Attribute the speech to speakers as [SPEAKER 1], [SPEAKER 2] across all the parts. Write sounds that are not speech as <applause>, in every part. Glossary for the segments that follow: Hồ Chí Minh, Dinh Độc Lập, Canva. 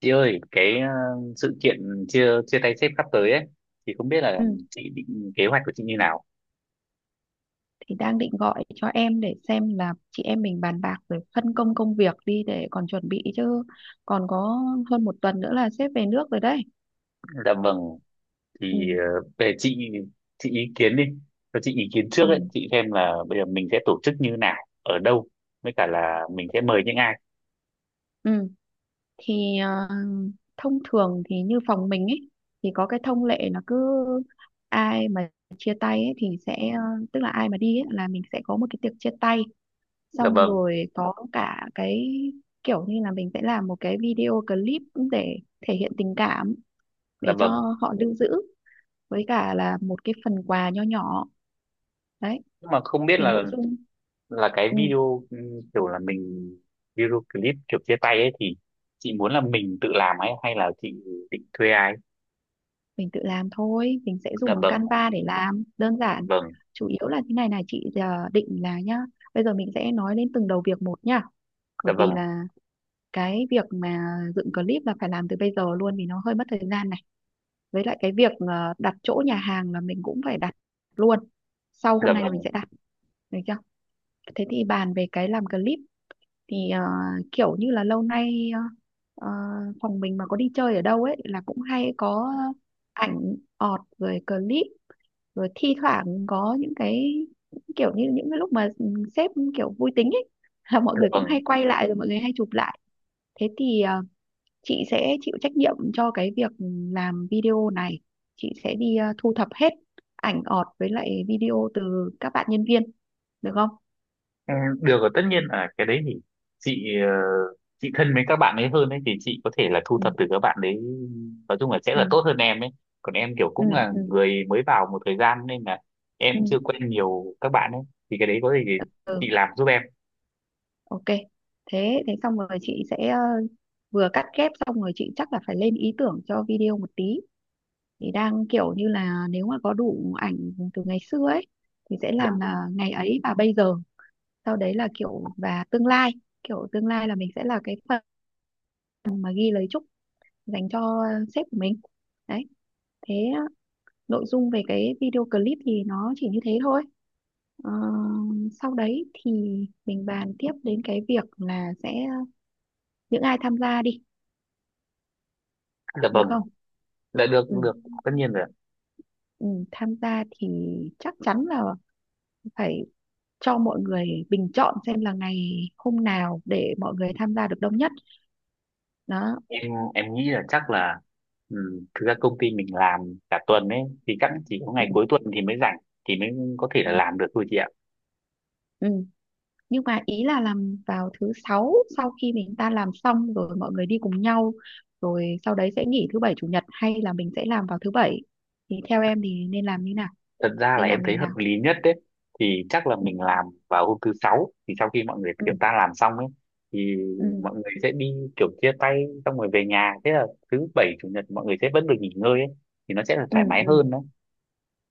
[SPEAKER 1] Chị ơi, cái sự kiện chia chia tay sếp sắp tới ấy thì không biết là
[SPEAKER 2] Ừ,
[SPEAKER 1] chị định kế hoạch của chị như nào.
[SPEAKER 2] thì đang định gọi cho em để xem là chị em mình bàn bạc rồi phân công công việc đi để còn chuẩn bị chứ còn có hơn một tuần nữa là sếp về nước rồi đấy.
[SPEAKER 1] Dạ vâng, thì
[SPEAKER 2] Ừ,
[SPEAKER 1] về chị ý kiến đi. Cho chị ý kiến trước ấy,
[SPEAKER 2] ừ,
[SPEAKER 1] chị xem là bây giờ mình sẽ tổ chức như nào, ở đâu, với cả là mình sẽ mời những ai.
[SPEAKER 2] ừ. Thì thông thường thì như phòng mình ấy thì có cái thông lệ là cứ ai mà chia tay ấy, thì sẽ, tức là ai mà đi ấy, là mình sẽ có một cái tiệc chia tay,
[SPEAKER 1] Dạ
[SPEAKER 2] xong
[SPEAKER 1] vâng,
[SPEAKER 2] rồi có cả cái kiểu như là mình sẽ làm một cái video clip để thể hiện tình cảm
[SPEAKER 1] dạ
[SPEAKER 2] để cho
[SPEAKER 1] vâng.
[SPEAKER 2] họ lưu giữ, với cả là một cái phần quà nho nhỏ đấy.
[SPEAKER 1] Nhưng mà không biết
[SPEAKER 2] Thì
[SPEAKER 1] là
[SPEAKER 2] nội dung.
[SPEAKER 1] là cái
[SPEAKER 2] Ừ,
[SPEAKER 1] video kiểu là mình video clip kiểu chia tay ấy thì chị muốn là mình tự làm ấy hay là chị định thuê ai?
[SPEAKER 2] mình tự làm thôi, mình sẽ
[SPEAKER 1] Dạ
[SPEAKER 2] dùng
[SPEAKER 1] vâng,
[SPEAKER 2] Canva để làm đơn giản.
[SPEAKER 1] vâng,
[SPEAKER 2] Chủ yếu là thế này này chị, định là nhá. Bây giờ mình sẽ nói đến từng đầu việc một nhá,
[SPEAKER 1] dạ
[SPEAKER 2] bởi
[SPEAKER 1] vâng,
[SPEAKER 2] vì là cái việc mà dựng clip là phải làm từ bây giờ luôn vì nó hơi mất thời gian này, với lại cái việc đặt chỗ nhà hàng là mình cũng phải đặt luôn. Sau
[SPEAKER 1] dạ
[SPEAKER 2] hôm nay là mình
[SPEAKER 1] vâng,
[SPEAKER 2] sẽ đặt, được chưa? Thế thì bàn về cái làm clip, thì kiểu như là lâu nay, ờ, phòng mình mà có đi chơi ở đâu ấy là cũng hay có ảnh ọt rồi clip, rồi thi thoảng có những cái kiểu như những cái lúc mà sếp kiểu vui tính ấy, <laughs> là mọi
[SPEAKER 1] dạ
[SPEAKER 2] người cũng
[SPEAKER 1] vâng.
[SPEAKER 2] hay quay lại rồi mọi người hay chụp lại. Thế thì chị sẽ chịu trách nhiệm cho cái việc làm video này, chị sẽ đi thu thập hết ảnh ọt với lại video từ các bạn nhân viên, được không?
[SPEAKER 1] Ừ, được rồi tất nhiên là cái đấy thì chị ờ, chị thân với các bạn ấy hơn ấy thì chị có thể là thu
[SPEAKER 2] Ừ,
[SPEAKER 1] thập từ các bạn đấy, nói chung là sẽ
[SPEAKER 2] ừ,
[SPEAKER 1] là tốt hơn em ấy, còn em kiểu
[SPEAKER 2] ừ,
[SPEAKER 1] cũng là
[SPEAKER 2] ừ,
[SPEAKER 1] người mới vào một thời gian nên là em
[SPEAKER 2] ừ.
[SPEAKER 1] chưa quen nhiều các bạn ấy, thì cái đấy có gì thì chị làm giúp em.
[SPEAKER 2] Ok, thế thế xong rồi chị sẽ vừa cắt ghép xong rồi chị chắc là phải lên ý tưởng cho video một tí. Thì đang kiểu như là nếu mà có đủ ảnh từ ngày xưa ấy thì sẽ làm là ngày ấy và bây giờ, sau đấy là kiểu và tương lai, kiểu tương lai là mình sẽ là cái phần mà ghi lời chúc dành cho sếp của mình. Đấy, thế nội dung về cái video clip thì nó chỉ như thế thôi. Ờ, Sau đấy thì mình bàn tiếp đến cái việc là sẽ những ai tham gia đi,
[SPEAKER 1] Dạ
[SPEAKER 2] được
[SPEAKER 1] vâng
[SPEAKER 2] không?
[SPEAKER 1] là được
[SPEAKER 2] Ừ,
[SPEAKER 1] cũng được, tất nhiên rồi,
[SPEAKER 2] ừ, tham gia thì chắc chắn là phải cho mọi người bình chọn xem là ngày hôm nào để mọi người tham gia được đông nhất đó.
[SPEAKER 1] em nghĩ là chắc là ừ, thực ra công ty mình làm cả tuần ấy thì chắc chỉ có
[SPEAKER 2] Ừ,
[SPEAKER 1] ngày cuối tuần thì mới rảnh, thì mới có thể
[SPEAKER 2] ừ,
[SPEAKER 1] là làm được thôi chị ạ.
[SPEAKER 2] ừ, Nhưng mà ý là làm vào thứ sáu sau khi mình ta làm xong rồi mọi người đi cùng nhau, rồi sau đấy sẽ nghỉ thứ bảy chủ nhật, hay là mình sẽ làm vào thứ bảy? Thì theo em thì nên làm như nào,
[SPEAKER 1] Thật ra là
[SPEAKER 2] nên
[SPEAKER 1] em
[SPEAKER 2] làm ngày
[SPEAKER 1] thấy
[SPEAKER 2] nào?
[SPEAKER 1] hợp lý nhất đấy, thì chắc là
[SPEAKER 2] Ừ,
[SPEAKER 1] mình làm vào hôm thứ sáu thì sau khi mọi người
[SPEAKER 2] ừ,
[SPEAKER 1] kiểu ta làm xong ấy thì
[SPEAKER 2] ừ,
[SPEAKER 1] mọi người sẽ đi kiểu chia tay xong rồi về nhà, thế là thứ bảy chủ nhật mọi người sẽ vẫn được nghỉ ngơi ấy thì nó sẽ là thoải
[SPEAKER 2] ừ,
[SPEAKER 1] mái
[SPEAKER 2] ừ.
[SPEAKER 1] hơn đấy.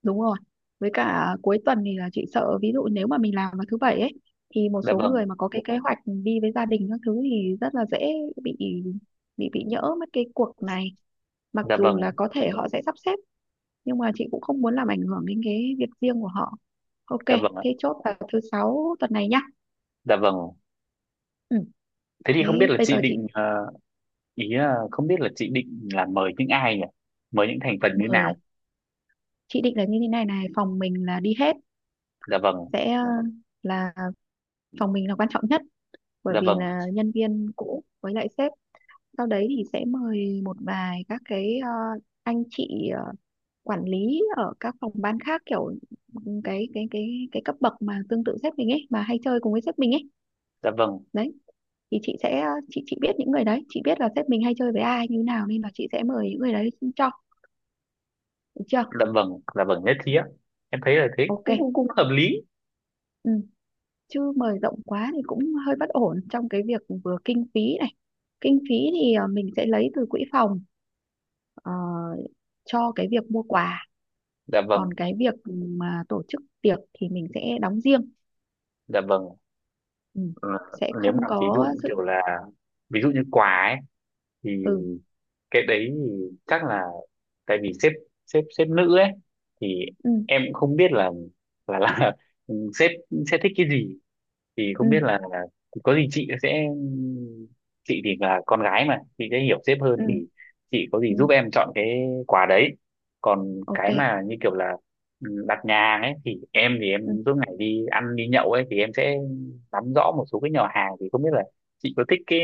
[SPEAKER 2] Đúng rồi. Với cả cuối tuần thì là chị sợ, ví dụ nếu mà mình làm vào thứ bảy ấy thì một
[SPEAKER 1] Dạ
[SPEAKER 2] số
[SPEAKER 1] vâng,
[SPEAKER 2] người mà có cái kế hoạch đi với gia đình các thứ thì rất là dễ bị nhỡ mất cái cuộc này. Mặc
[SPEAKER 1] dạ
[SPEAKER 2] dù
[SPEAKER 1] vâng,
[SPEAKER 2] là có thể họ sẽ sắp xếp nhưng mà chị cũng không muốn làm ảnh hưởng đến cái việc riêng của họ. Ok,
[SPEAKER 1] dạ vâng ạ.
[SPEAKER 2] thế chốt vào thứ sáu tuần này nhá.
[SPEAKER 1] Dạ vâng,
[SPEAKER 2] Ừ,
[SPEAKER 1] thế thì không
[SPEAKER 2] thế
[SPEAKER 1] biết là
[SPEAKER 2] bây giờ chị
[SPEAKER 1] ý là không biết là chị định là mời những ai nhỉ, mời những thành phần như
[SPEAKER 2] mời
[SPEAKER 1] nào?
[SPEAKER 2] chị định là như thế này này, phòng mình là đi hết,
[SPEAKER 1] Dạ vâng,
[SPEAKER 2] sẽ là phòng mình là quan trọng nhất bởi
[SPEAKER 1] dạ
[SPEAKER 2] vì
[SPEAKER 1] vâng,
[SPEAKER 2] là nhân viên cũ với lại sếp. Sau đấy thì sẽ mời một vài các cái anh chị quản lý ở các phòng ban khác, kiểu cái cấp bậc mà tương tự sếp mình ấy, mà hay chơi cùng với sếp mình ấy.
[SPEAKER 1] dạ vâng,
[SPEAKER 2] Đấy, thì chị sẽ chị biết những người đấy, chị biết là sếp mình hay chơi với ai như nào nên là chị sẽ mời những người đấy cho, được chưa?
[SPEAKER 1] dạ vâng, dạ vâng nhất trí ạ. Em thấy là thế
[SPEAKER 2] Ok.
[SPEAKER 1] cũng cũng, cũng hợp lý.
[SPEAKER 2] Ừ. Chứ mời rộng quá thì cũng hơi bất ổn trong cái việc vừa kinh phí này. Kinh phí thì mình sẽ lấy từ quỹ phòng, ờ, cho cái việc mua quà.
[SPEAKER 1] Dạ
[SPEAKER 2] Còn
[SPEAKER 1] vâng,
[SPEAKER 2] cái việc mà tổ chức tiệc thì mình sẽ đóng riêng.
[SPEAKER 1] dạ vâng.
[SPEAKER 2] Ừ.
[SPEAKER 1] Ờ,
[SPEAKER 2] Sẽ
[SPEAKER 1] nếu
[SPEAKER 2] không
[SPEAKER 1] mà ví dụ
[SPEAKER 2] có
[SPEAKER 1] như
[SPEAKER 2] sự.
[SPEAKER 1] kiểu là, ví dụ như quà ấy thì
[SPEAKER 2] Ừ,
[SPEAKER 1] cái đấy thì chắc là tại vì sếp sếp sếp nữ ấy thì
[SPEAKER 2] ừ,
[SPEAKER 1] em cũng không biết là <laughs> sếp sẽ thích cái gì, thì
[SPEAKER 2] ừ,
[SPEAKER 1] không biết là có gì chị thì là con gái mà chị sẽ hiểu sếp hơn
[SPEAKER 2] ừ,
[SPEAKER 1] thì
[SPEAKER 2] Ừ.
[SPEAKER 1] chị có gì
[SPEAKER 2] Ừ.
[SPEAKER 1] giúp em chọn cái quà đấy. Còn
[SPEAKER 2] Ok.
[SPEAKER 1] cái mà như kiểu là đặt nhà hàng ấy thì em thì
[SPEAKER 2] Ừ.
[SPEAKER 1] em suốt ngày đi ăn đi nhậu ấy thì em sẽ nắm rõ một số cái nhà hàng, thì không biết là chị có thích cái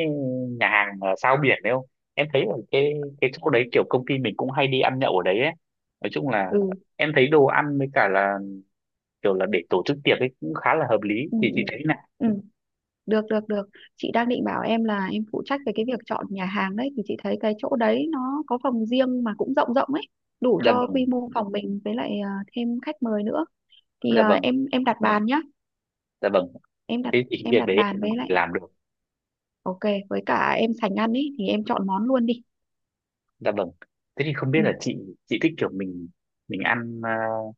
[SPEAKER 1] nhà hàng ở Sao Biển đấy không, em thấy ở cái chỗ đấy kiểu công ty mình cũng hay đi ăn nhậu ở đấy ấy, nói chung là
[SPEAKER 2] Ừ,
[SPEAKER 1] em thấy đồ ăn với cả là kiểu là để tổ chức tiệc ấy cũng khá là hợp lý,
[SPEAKER 2] ừ,
[SPEAKER 1] thì
[SPEAKER 2] ừ,
[SPEAKER 1] chị thấy?
[SPEAKER 2] ừ. Được, được, được, chị đang định bảo em là em phụ trách về cái việc chọn nhà hàng đấy. Thì chị thấy cái chỗ đấy nó có phòng riêng mà cũng rộng rộng ấy, đủ
[SPEAKER 1] Dạ
[SPEAKER 2] cho
[SPEAKER 1] vâng,
[SPEAKER 2] quy mô phòng mình, với lại thêm khách mời nữa. Thì
[SPEAKER 1] dạ vâng,
[SPEAKER 2] em đặt bàn nhá.
[SPEAKER 1] dạ vâng,
[SPEAKER 2] em đặt
[SPEAKER 1] thế thì cái
[SPEAKER 2] em
[SPEAKER 1] việc
[SPEAKER 2] đặt
[SPEAKER 1] đấy
[SPEAKER 2] bàn,
[SPEAKER 1] em có
[SPEAKER 2] với
[SPEAKER 1] thể
[SPEAKER 2] lại,
[SPEAKER 1] làm được.
[SPEAKER 2] ok, với cả em sành ăn ấy thì em chọn món luôn đi.
[SPEAKER 1] Dạ vâng, thế thì không biết
[SPEAKER 2] Ừ.
[SPEAKER 1] là chị thích kiểu mình ăn ờ,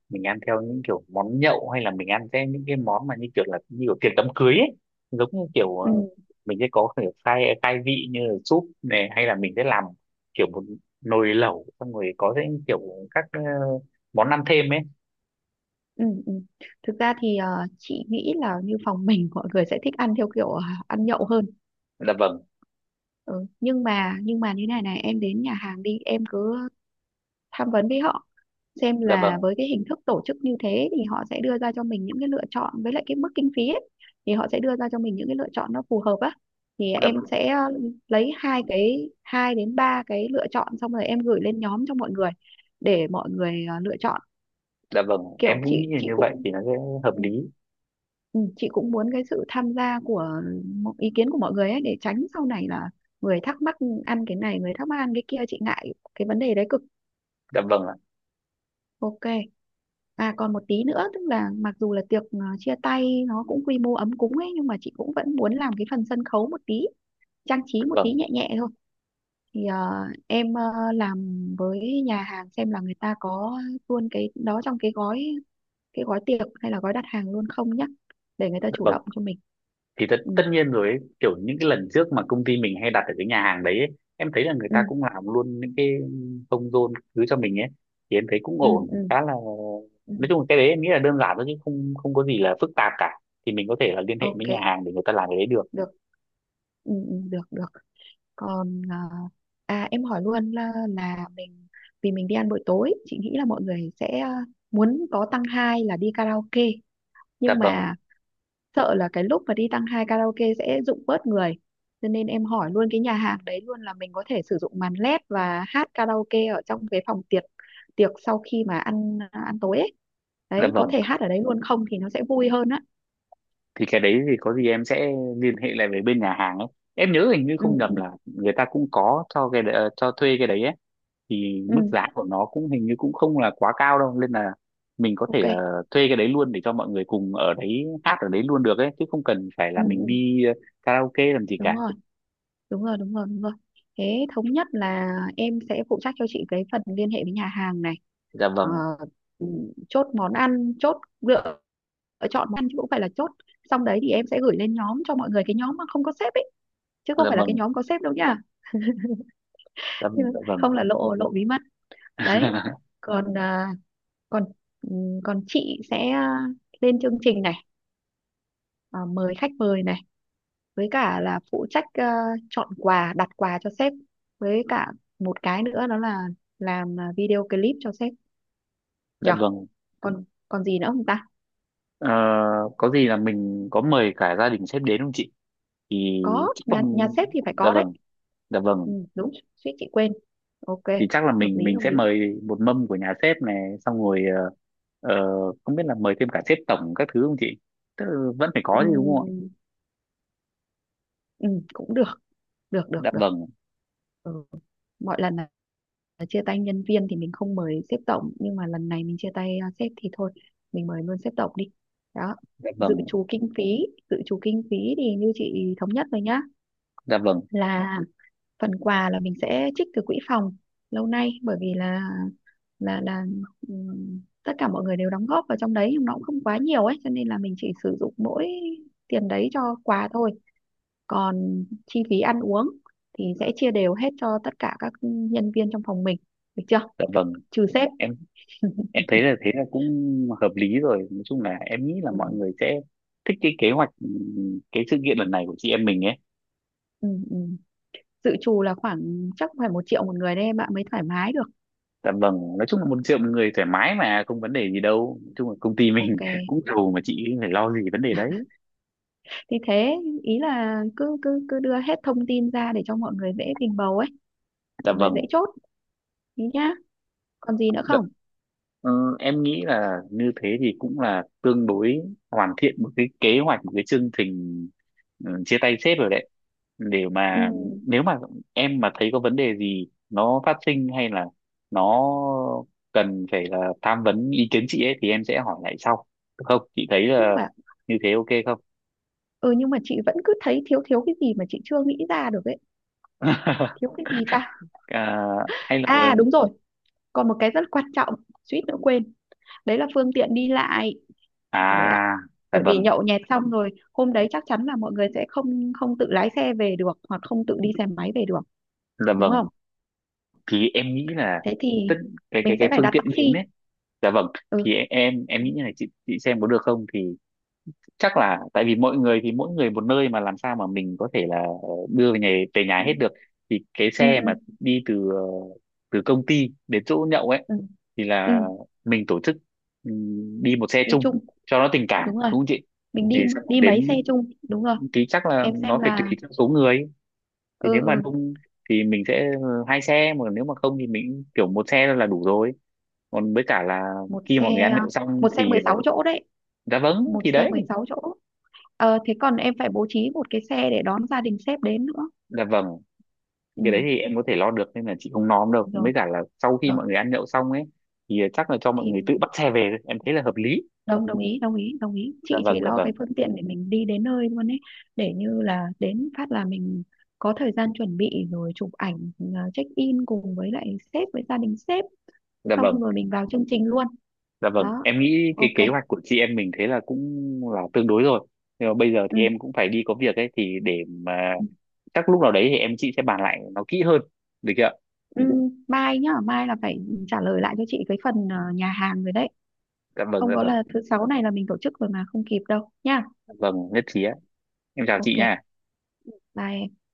[SPEAKER 1] mình ăn theo những kiểu món nhậu hay là mình ăn theo những cái món mà như kiểu là như kiểu tiệc đám cưới ấy, giống như kiểu
[SPEAKER 2] Ừ.
[SPEAKER 1] mình sẽ có kiểu khai khai vị như là súp này, hay là mình sẽ làm kiểu một nồi lẩu xong rồi có những kiểu các món ăn thêm ấy.
[SPEAKER 2] Ừ, ừ. Thực ra thì chị nghĩ là như phòng mình mọi người sẽ thích ăn theo kiểu ăn nhậu hơn.
[SPEAKER 1] Dạ vâng,
[SPEAKER 2] Ừ. Nhưng mà như này này, em đến nhà hàng đi, em cứ tham vấn với họ xem
[SPEAKER 1] dạ
[SPEAKER 2] là
[SPEAKER 1] vâng,
[SPEAKER 2] với cái hình thức tổ chức như thế thì họ sẽ đưa ra cho mình những cái lựa chọn với lại cái mức kinh phí ấy, thì họ sẽ đưa ra cho mình những cái lựa chọn nó phù hợp á. Thì
[SPEAKER 1] dạ
[SPEAKER 2] em
[SPEAKER 1] vâng,
[SPEAKER 2] sẽ lấy hai đến ba cái lựa chọn, xong rồi em gửi lên nhóm cho mọi người để mọi người lựa chọn.
[SPEAKER 1] dạ vâng,
[SPEAKER 2] Kiểu
[SPEAKER 1] em cũng nghĩ
[SPEAKER 2] chị
[SPEAKER 1] là
[SPEAKER 2] chị
[SPEAKER 1] như vậy
[SPEAKER 2] cũng,
[SPEAKER 1] thì nó sẽ hợp
[SPEAKER 2] ừ,
[SPEAKER 1] lý.
[SPEAKER 2] Ừ, chị cũng muốn cái sự tham gia của ý kiến của mọi người ấy, để tránh sau này là người thắc mắc ăn cái này, người thắc mắc ăn cái kia, chị ngại cái vấn đề đấy cực.
[SPEAKER 1] Dạ vâng ạ,
[SPEAKER 2] Ok, còn một tí nữa, tức là mặc dù là tiệc chia tay nó cũng quy mô ấm cúng ấy nhưng mà chị cũng vẫn muốn làm cái phần sân khấu một tí, trang trí
[SPEAKER 1] dạ
[SPEAKER 2] một tí
[SPEAKER 1] vâng,
[SPEAKER 2] nhẹ nhẹ thôi. Thì em làm với nhà hàng xem là người ta có luôn cái đó trong cái gói, cái gói tiệc hay là gói đặt hàng luôn không nhá, để người ta
[SPEAKER 1] dạ
[SPEAKER 2] chủ
[SPEAKER 1] vâng
[SPEAKER 2] động cho mình.
[SPEAKER 1] thì tất,
[SPEAKER 2] Ừ,
[SPEAKER 1] tất nhiên rồi ấy, kiểu những cái lần trước mà công ty mình hay đặt ở cái nhà hàng đấy ấy, em thấy là người
[SPEAKER 2] ừ.
[SPEAKER 1] ta cũng làm luôn những cái thông rôn cứ cho mình ấy, thì em thấy cũng
[SPEAKER 2] Ừ,
[SPEAKER 1] ổn
[SPEAKER 2] ừ,
[SPEAKER 1] khá là,
[SPEAKER 2] ừ.
[SPEAKER 1] nói chung là cái đấy em nghĩ là đơn giản thôi chứ không không có gì là phức tạp cả, thì mình có thể là liên hệ với
[SPEAKER 2] Ok.
[SPEAKER 1] nhà hàng để người ta làm cái đấy được.
[SPEAKER 2] Được. Ừ, ừ, được, được. Còn em hỏi luôn là, mình, vì mình đi ăn buổi tối chị nghĩ là mọi người sẽ muốn có tăng hai là đi karaoke.
[SPEAKER 1] Dạ
[SPEAKER 2] Nhưng
[SPEAKER 1] vâng,
[SPEAKER 2] mà sợ là cái lúc mà đi tăng hai karaoke sẽ rụng bớt người, cho nên em hỏi luôn cái nhà hàng đấy luôn là mình có thể sử dụng màn led và hát karaoke ở trong cái phòng tiệc, tiệc sau khi mà ăn à, ăn tối ấy.
[SPEAKER 1] dạ
[SPEAKER 2] Đấy có
[SPEAKER 1] vâng,
[SPEAKER 2] thể hát ở đấy luôn không thì nó sẽ vui hơn á.
[SPEAKER 1] thì cái đấy thì có gì em sẽ liên hệ lại với bên nhà hàng ấy, em nhớ hình như
[SPEAKER 2] Ừ,
[SPEAKER 1] không nhầm
[SPEAKER 2] ừ,
[SPEAKER 1] là người ta cũng có cho thuê cái đấy ấy, thì
[SPEAKER 2] ừ,
[SPEAKER 1] mức giá của nó cũng hình như cũng không là quá cao đâu nên là mình có thể
[SPEAKER 2] ok,
[SPEAKER 1] là thuê cái đấy luôn để cho mọi người cùng ở đấy hát ở đấy luôn được ấy chứ không cần phải là
[SPEAKER 2] ừ,
[SPEAKER 1] mình
[SPEAKER 2] ừ,
[SPEAKER 1] đi karaoke làm gì
[SPEAKER 2] đúng
[SPEAKER 1] cả.
[SPEAKER 2] rồi, đúng rồi, đúng rồi, đúng rồi. Thế thống nhất là em sẽ phụ trách cho chị cái phần liên hệ với nhà hàng này.
[SPEAKER 1] Dạ
[SPEAKER 2] Ờ,
[SPEAKER 1] vâng,
[SPEAKER 2] ừ, chốt lựa chọn món ăn chứ cũng phải là chốt. Xong đấy thì em sẽ gửi lên nhóm cho mọi người, cái nhóm mà không có sếp ấy chứ không
[SPEAKER 1] dạ
[SPEAKER 2] phải là cái
[SPEAKER 1] vâng,
[SPEAKER 2] nhóm có sếp đâu nhá.
[SPEAKER 1] dạ vâng,
[SPEAKER 2] <laughs>
[SPEAKER 1] dạ vâng,
[SPEAKER 2] Không là lộ lộ bí mật. Đấy,
[SPEAKER 1] <laughs>
[SPEAKER 2] còn à, còn ừ, còn chị sẽ lên chương trình này, mời khách mời này, với cả là phụ trách chọn quà đặt quà cho sếp, với cả một cái nữa đó là làm video clip cho sếp,
[SPEAKER 1] dạ
[SPEAKER 2] nhở?
[SPEAKER 1] vâng.
[SPEAKER 2] Còn còn gì nữa không ta?
[SPEAKER 1] Ờ, có gì là mình có mời cả gia đình sếp đến không chị, thì
[SPEAKER 2] Có,
[SPEAKER 1] chắc là,
[SPEAKER 2] nhà nhà sếp thì phải
[SPEAKER 1] dạ
[SPEAKER 2] có đấy.
[SPEAKER 1] vâng, dạ vâng,
[SPEAKER 2] Ừ, đúng, suýt chị quên. Ok.
[SPEAKER 1] thì chắc là
[SPEAKER 2] Hợp
[SPEAKER 1] mình
[SPEAKER 2] lý,
[SPEAKER 1] mình
[SPEAKER 2] hợp
[SPEAKER 1] sẽ
[SPEAKER 2] lý.
[SPEAKER 1] mời một mâm của nhà sếp này xong rồi ờ, không biết là mời thêm cả sếp tổng các thứ không chị? Tức là vẫn phải có chứ đúng không ạ?
[SPEAKER 2] Ừ, ừ, cũng được, được, được,
[SPEAKER 1] Dạ
[SPEAKER 2] được.
[SPEAKER 1] vâng,
[SPEAKER 2] Ừ. Mọi lần, chia tay nhân viên thì mình không mời sếp tổng nhưng mà lần này mình chia tay sếp thì thôi mình mời luôn sếp tổng đi. Đó.
[SPEAKER 1] dạ
[SPEAKER 2] Dự
[SPEAKER 1] vâng,
[SPEAKER 2] trù kinh phí, dự trù kinh phí thì như chị thống nhất rồi nhá,
[SPEAKER 1] dạ vâng,
[SPEAKER 2] là phần quà là mình sẽ trích từ quỹ phòng lâu nay bởi vì là tất cả mọi người đều đóng góp vào trong đấy nhưng nó cũng không quá nhiều ấy cho nên là mình chỉ sử dụng mỗi tiền đấy cho quà thôi. Còn chi phí ăn uống thì sẽ chia đều hết cho tất cả các nhân viên trong phòng mình, được chưa?
[SPEAKER 1] dạ vâng,
[SPEAKER 2] Trừ sếp. <laughs>
[SPEAKER 1] em em thấy là thế là cũng hợp lý rồi, nói chung là em nghĩ là
[SPEAKER 2] Ừ,
[SPEAKER 1] mọi người sẽ thích cái kế hoạch, cái sự kiện lần này của chị em mình ấy.
[SPEAKER 2] ừ, ừ. Dự trù là khoảng chắc phải 1.000.000 một người đấy em ạ, mới thoải mái được.
[SPEAKER 1] Dạ vâng, nói chung là một triệu một người thoải mái mà không vấn đề gì đâu, nói chung là công ty mình
[SPEAKER 2] Ok,
[SPEAKER 1] <laughs> cũng giàu mà chị phải lo gì vấn đề đấy.
[SPEAKER 2] thì thế, ý là cứ cứ cứ đưa hết thông tin ra để cho mọi người dễ bình bầu ấy,
[SPEAKER 1] Dạ
[SPEAKER 2] mọi người
[SPEAKER 1] vâng.
[SPEAKER 2] dễ chốt ý nhá. Còn gì nữa
[SPEAKER 1] Đ-
[SPEAKER 2] không?
[SPEAKER 1] Ờ, em nghĩ là như thế thì cũng là tương đối hoàn thiện một cái kế hoạch, một cái chương trình chia tay sếp rồi đấy, để
[SPEAKER 2] Ừ.
[SPEAKER 1] mà nếu mà em mà thấy có vấn đề gì nó phát sinh hay là nó cần phải là tham vấn ý kiến chị ấy thì em sẽ hỏi lại sau, được không chị, thấy
[SPEAKER 2] nhưng
[SPEAKER 1] là
[SPEAKER 2] mà
[SPEAKER 1] như thế ok không?
[SPEAKER 2] ừ nhưng mà chị vẫn cứ thấy thiếu thiếu cái gì mà chị chưa nghĩ ra được ấy. Thiếu
[SPEAKER 1] <laughs>
[SPEAKER 2] cái gì ta?
[SPEAKER 1] À, hay là
[SPEAKER 2] À, đúng rồi, còn một cái rất quan trọng, suýt nữa quên. Đấy là phương tiện đi lại. Trời!
[SPEAKER 1] à, dạ
[SPEAKER 2] Bởi vì
[SPEAKER 1] vâng,
[SPEAKER 2] nhậu nhẹt xong rồi hôm đấy chắc chắn là mọi người sẽ không không tự lái xe về được, hoặc không tự đi xe máy về được,
[SPEAKER 1] dạ
[SPEAKER 2] đúng
[SPEAKER 1] vâng,
[SPEAKER 2] không?
[SPEAKER 1] thì em nghĩ là
[SPEAKER 2] Thế
[SPEAKER 1] tất
[SPEAKER 2] thì
[SPEAKER 1] cái cái
[SPEAKER 2] mình
[SPEAKER 1] cái
[SPEAKER 2] sẽ phải
[SPEAKER 1] phương
[SPEAKER 2] đặt
[SPEAKER 1] tiện biến
[SPEAKER 2] taxi.
[SPEAKER 1] ấy. Dạ vâng,
[SPEAKER 2] Ừ,
[SPEAKER 1] thì em nghĩ như này chị xem có được không, thì chắc là tại vì mỗi người thì mỗi người một nơi mà làm sao mà mình có thể là đưa về nhà, về nhà
[SPEAKER 2] ừ,
[SPEAKER 1] hết được, thì cái
[SPEAKER 2] ừ,
[SPEAKER 1] xe mà đi từ công ty đến chỗ nhậu ấy
[SPEAKER 2] ừ,
[SPEAKER 1] thì
[SPEAKER 2] ừ.
[SPEAKER 1] là mình tổ chức, đi một xe
[SPEAKER 2] Đi
[SPEAKER 1] chung
[SPEAKER 2] chung,
[SPEAKER 1] cho nó tình cảm
[SPEAKER 2] đúng rồi,
[SPEAKER 1] đúng không chị?
[SPEAKER 2] mình
[SPEAKER 1] Thì
[SPEAKER 2] đi,
[SPEAKER 1] xong rồi
[SPEAKER 2] mấy xe
[SPEAKER 1] đến,
[SPEAKER 2] chung, đúng rồi.
[SPEAKER 1] thì chắc là
[SPEAKER 2] Em xem
[SPEAKER 1] nó phải tùy
[SPEAKER 2] là,
[SPEAKER 1] theo số người, thì
[SPEAKER 2] ừ,
[SPEAKER 1] nếu mà
[SPEAKER 2] ừ,
[SPEAKER 1] đông thì mình sẽ hai xe mà nếu mà không thì mình kiểu một xe là đủ rồi, còn với cả là
[SPEAKER 2] một
[SPEAKER 1] khi mọi
[SPEAKER 2] xe
[SPEAKER 1] người ăn
[SPEAKER 2] à,
[SPEAKER 1] nhậu
[SPEAKER 2] một
[SPEAKER 1] xong
[SPEAKER 2] xe
[SPEAKER 1] thì,
[SPEAKER 2] 16 chỗ đấy,
[SPEAKER 1] dạ vâng,
[SPEAKER 2] một
[SPEAKER 1] thì
[SPEAKER 2] xe
[SPEAKER 1] đấy
[SPEAKER 2] 16 chỗ. Thế còn em phải bố trí một cái xe để đón gia đình sếp đến nữa.
[SPEAKER 1] là vâng, thì
[SPEAKER 2] Ừ.
[SPEAKER 1] cái đấy thì em có thể lo được nên là chị không nom đâu
[SPEAKER 2] Rồi,
[SPEAKER 1] mới cả là sau khi
[SPEAKER 2] rồi
[SPEAKER 1] mọi người ăn nhậu xong ấy thì chắc là cho mọi
[SPEAKER 2] thì
[SPEAKER 1] người tự bắt xe về thôi. Em thấy là hợp lý.
[SPEAKER 2] đồng đồng ý, đồng ý, đồng ý,
[SPEAKER 1] Dạ
[SPEAKER 2] chị chỉ
[SPEAKER 1] vâng, dạ
[SPEAKER 2] lo
[SPEAKER 1] vâng,
[SPEAKER 2] cái phương tiện để mình đi đến nơi luôn ấy, để như là đến phát là mình có thời gian chuẩn bị rồi chụp ảnh check in cùng với lại sếp với gia đình sếp,
[SPEAKER 1] dạ
[SPEAKER 2] xong
[SPEAKER 1] vâng,
[SPEAKER 2] rồi mình vào chương trình luôn.
[SPEAKER 1] dạ vâng,
[SPEAKER 2] Đó,
[SPEAKER 1] em nghĩ cái
[SPEAKER 2] ok.
[SPEAKER 1] kế hoạch của chị em mình thế là cũng là tương đối rồi. Nhưng mà bây giờ
[SPEAKER 2] Ừ.
[SPEAKER 1] thì em cũng phải đi có việc ấy thì để mà
[SPEAKER 2] Ừ,
[SPEAKER 1] chắc lúc nào đấy thì chị sẽ bàn lại nó kỹ hơn, được chưa ạ?
[SPEAKER 2] ừ. Mai nhá, mai là phải trả lời lại cho chị cái phần nhà hàng rồi đấy,
[SPEAKER 1] Dạ vâng,
[SPEAKER 2] không
[SPEAKER 1] dạ
[SPEAKER 2] có
[SPEAKER 1] vâng,
[SPEAKER 2] là thứ sáu này là mình tổ chức rồi mà không kịp đâu nha.
[SPEAKER 1] dạ vâng, nhất trí ạ. Em chào chị
[SPEAKER 2] Ok,
[SPEAKER 1] nha.
[SPEAKER 2] bye em.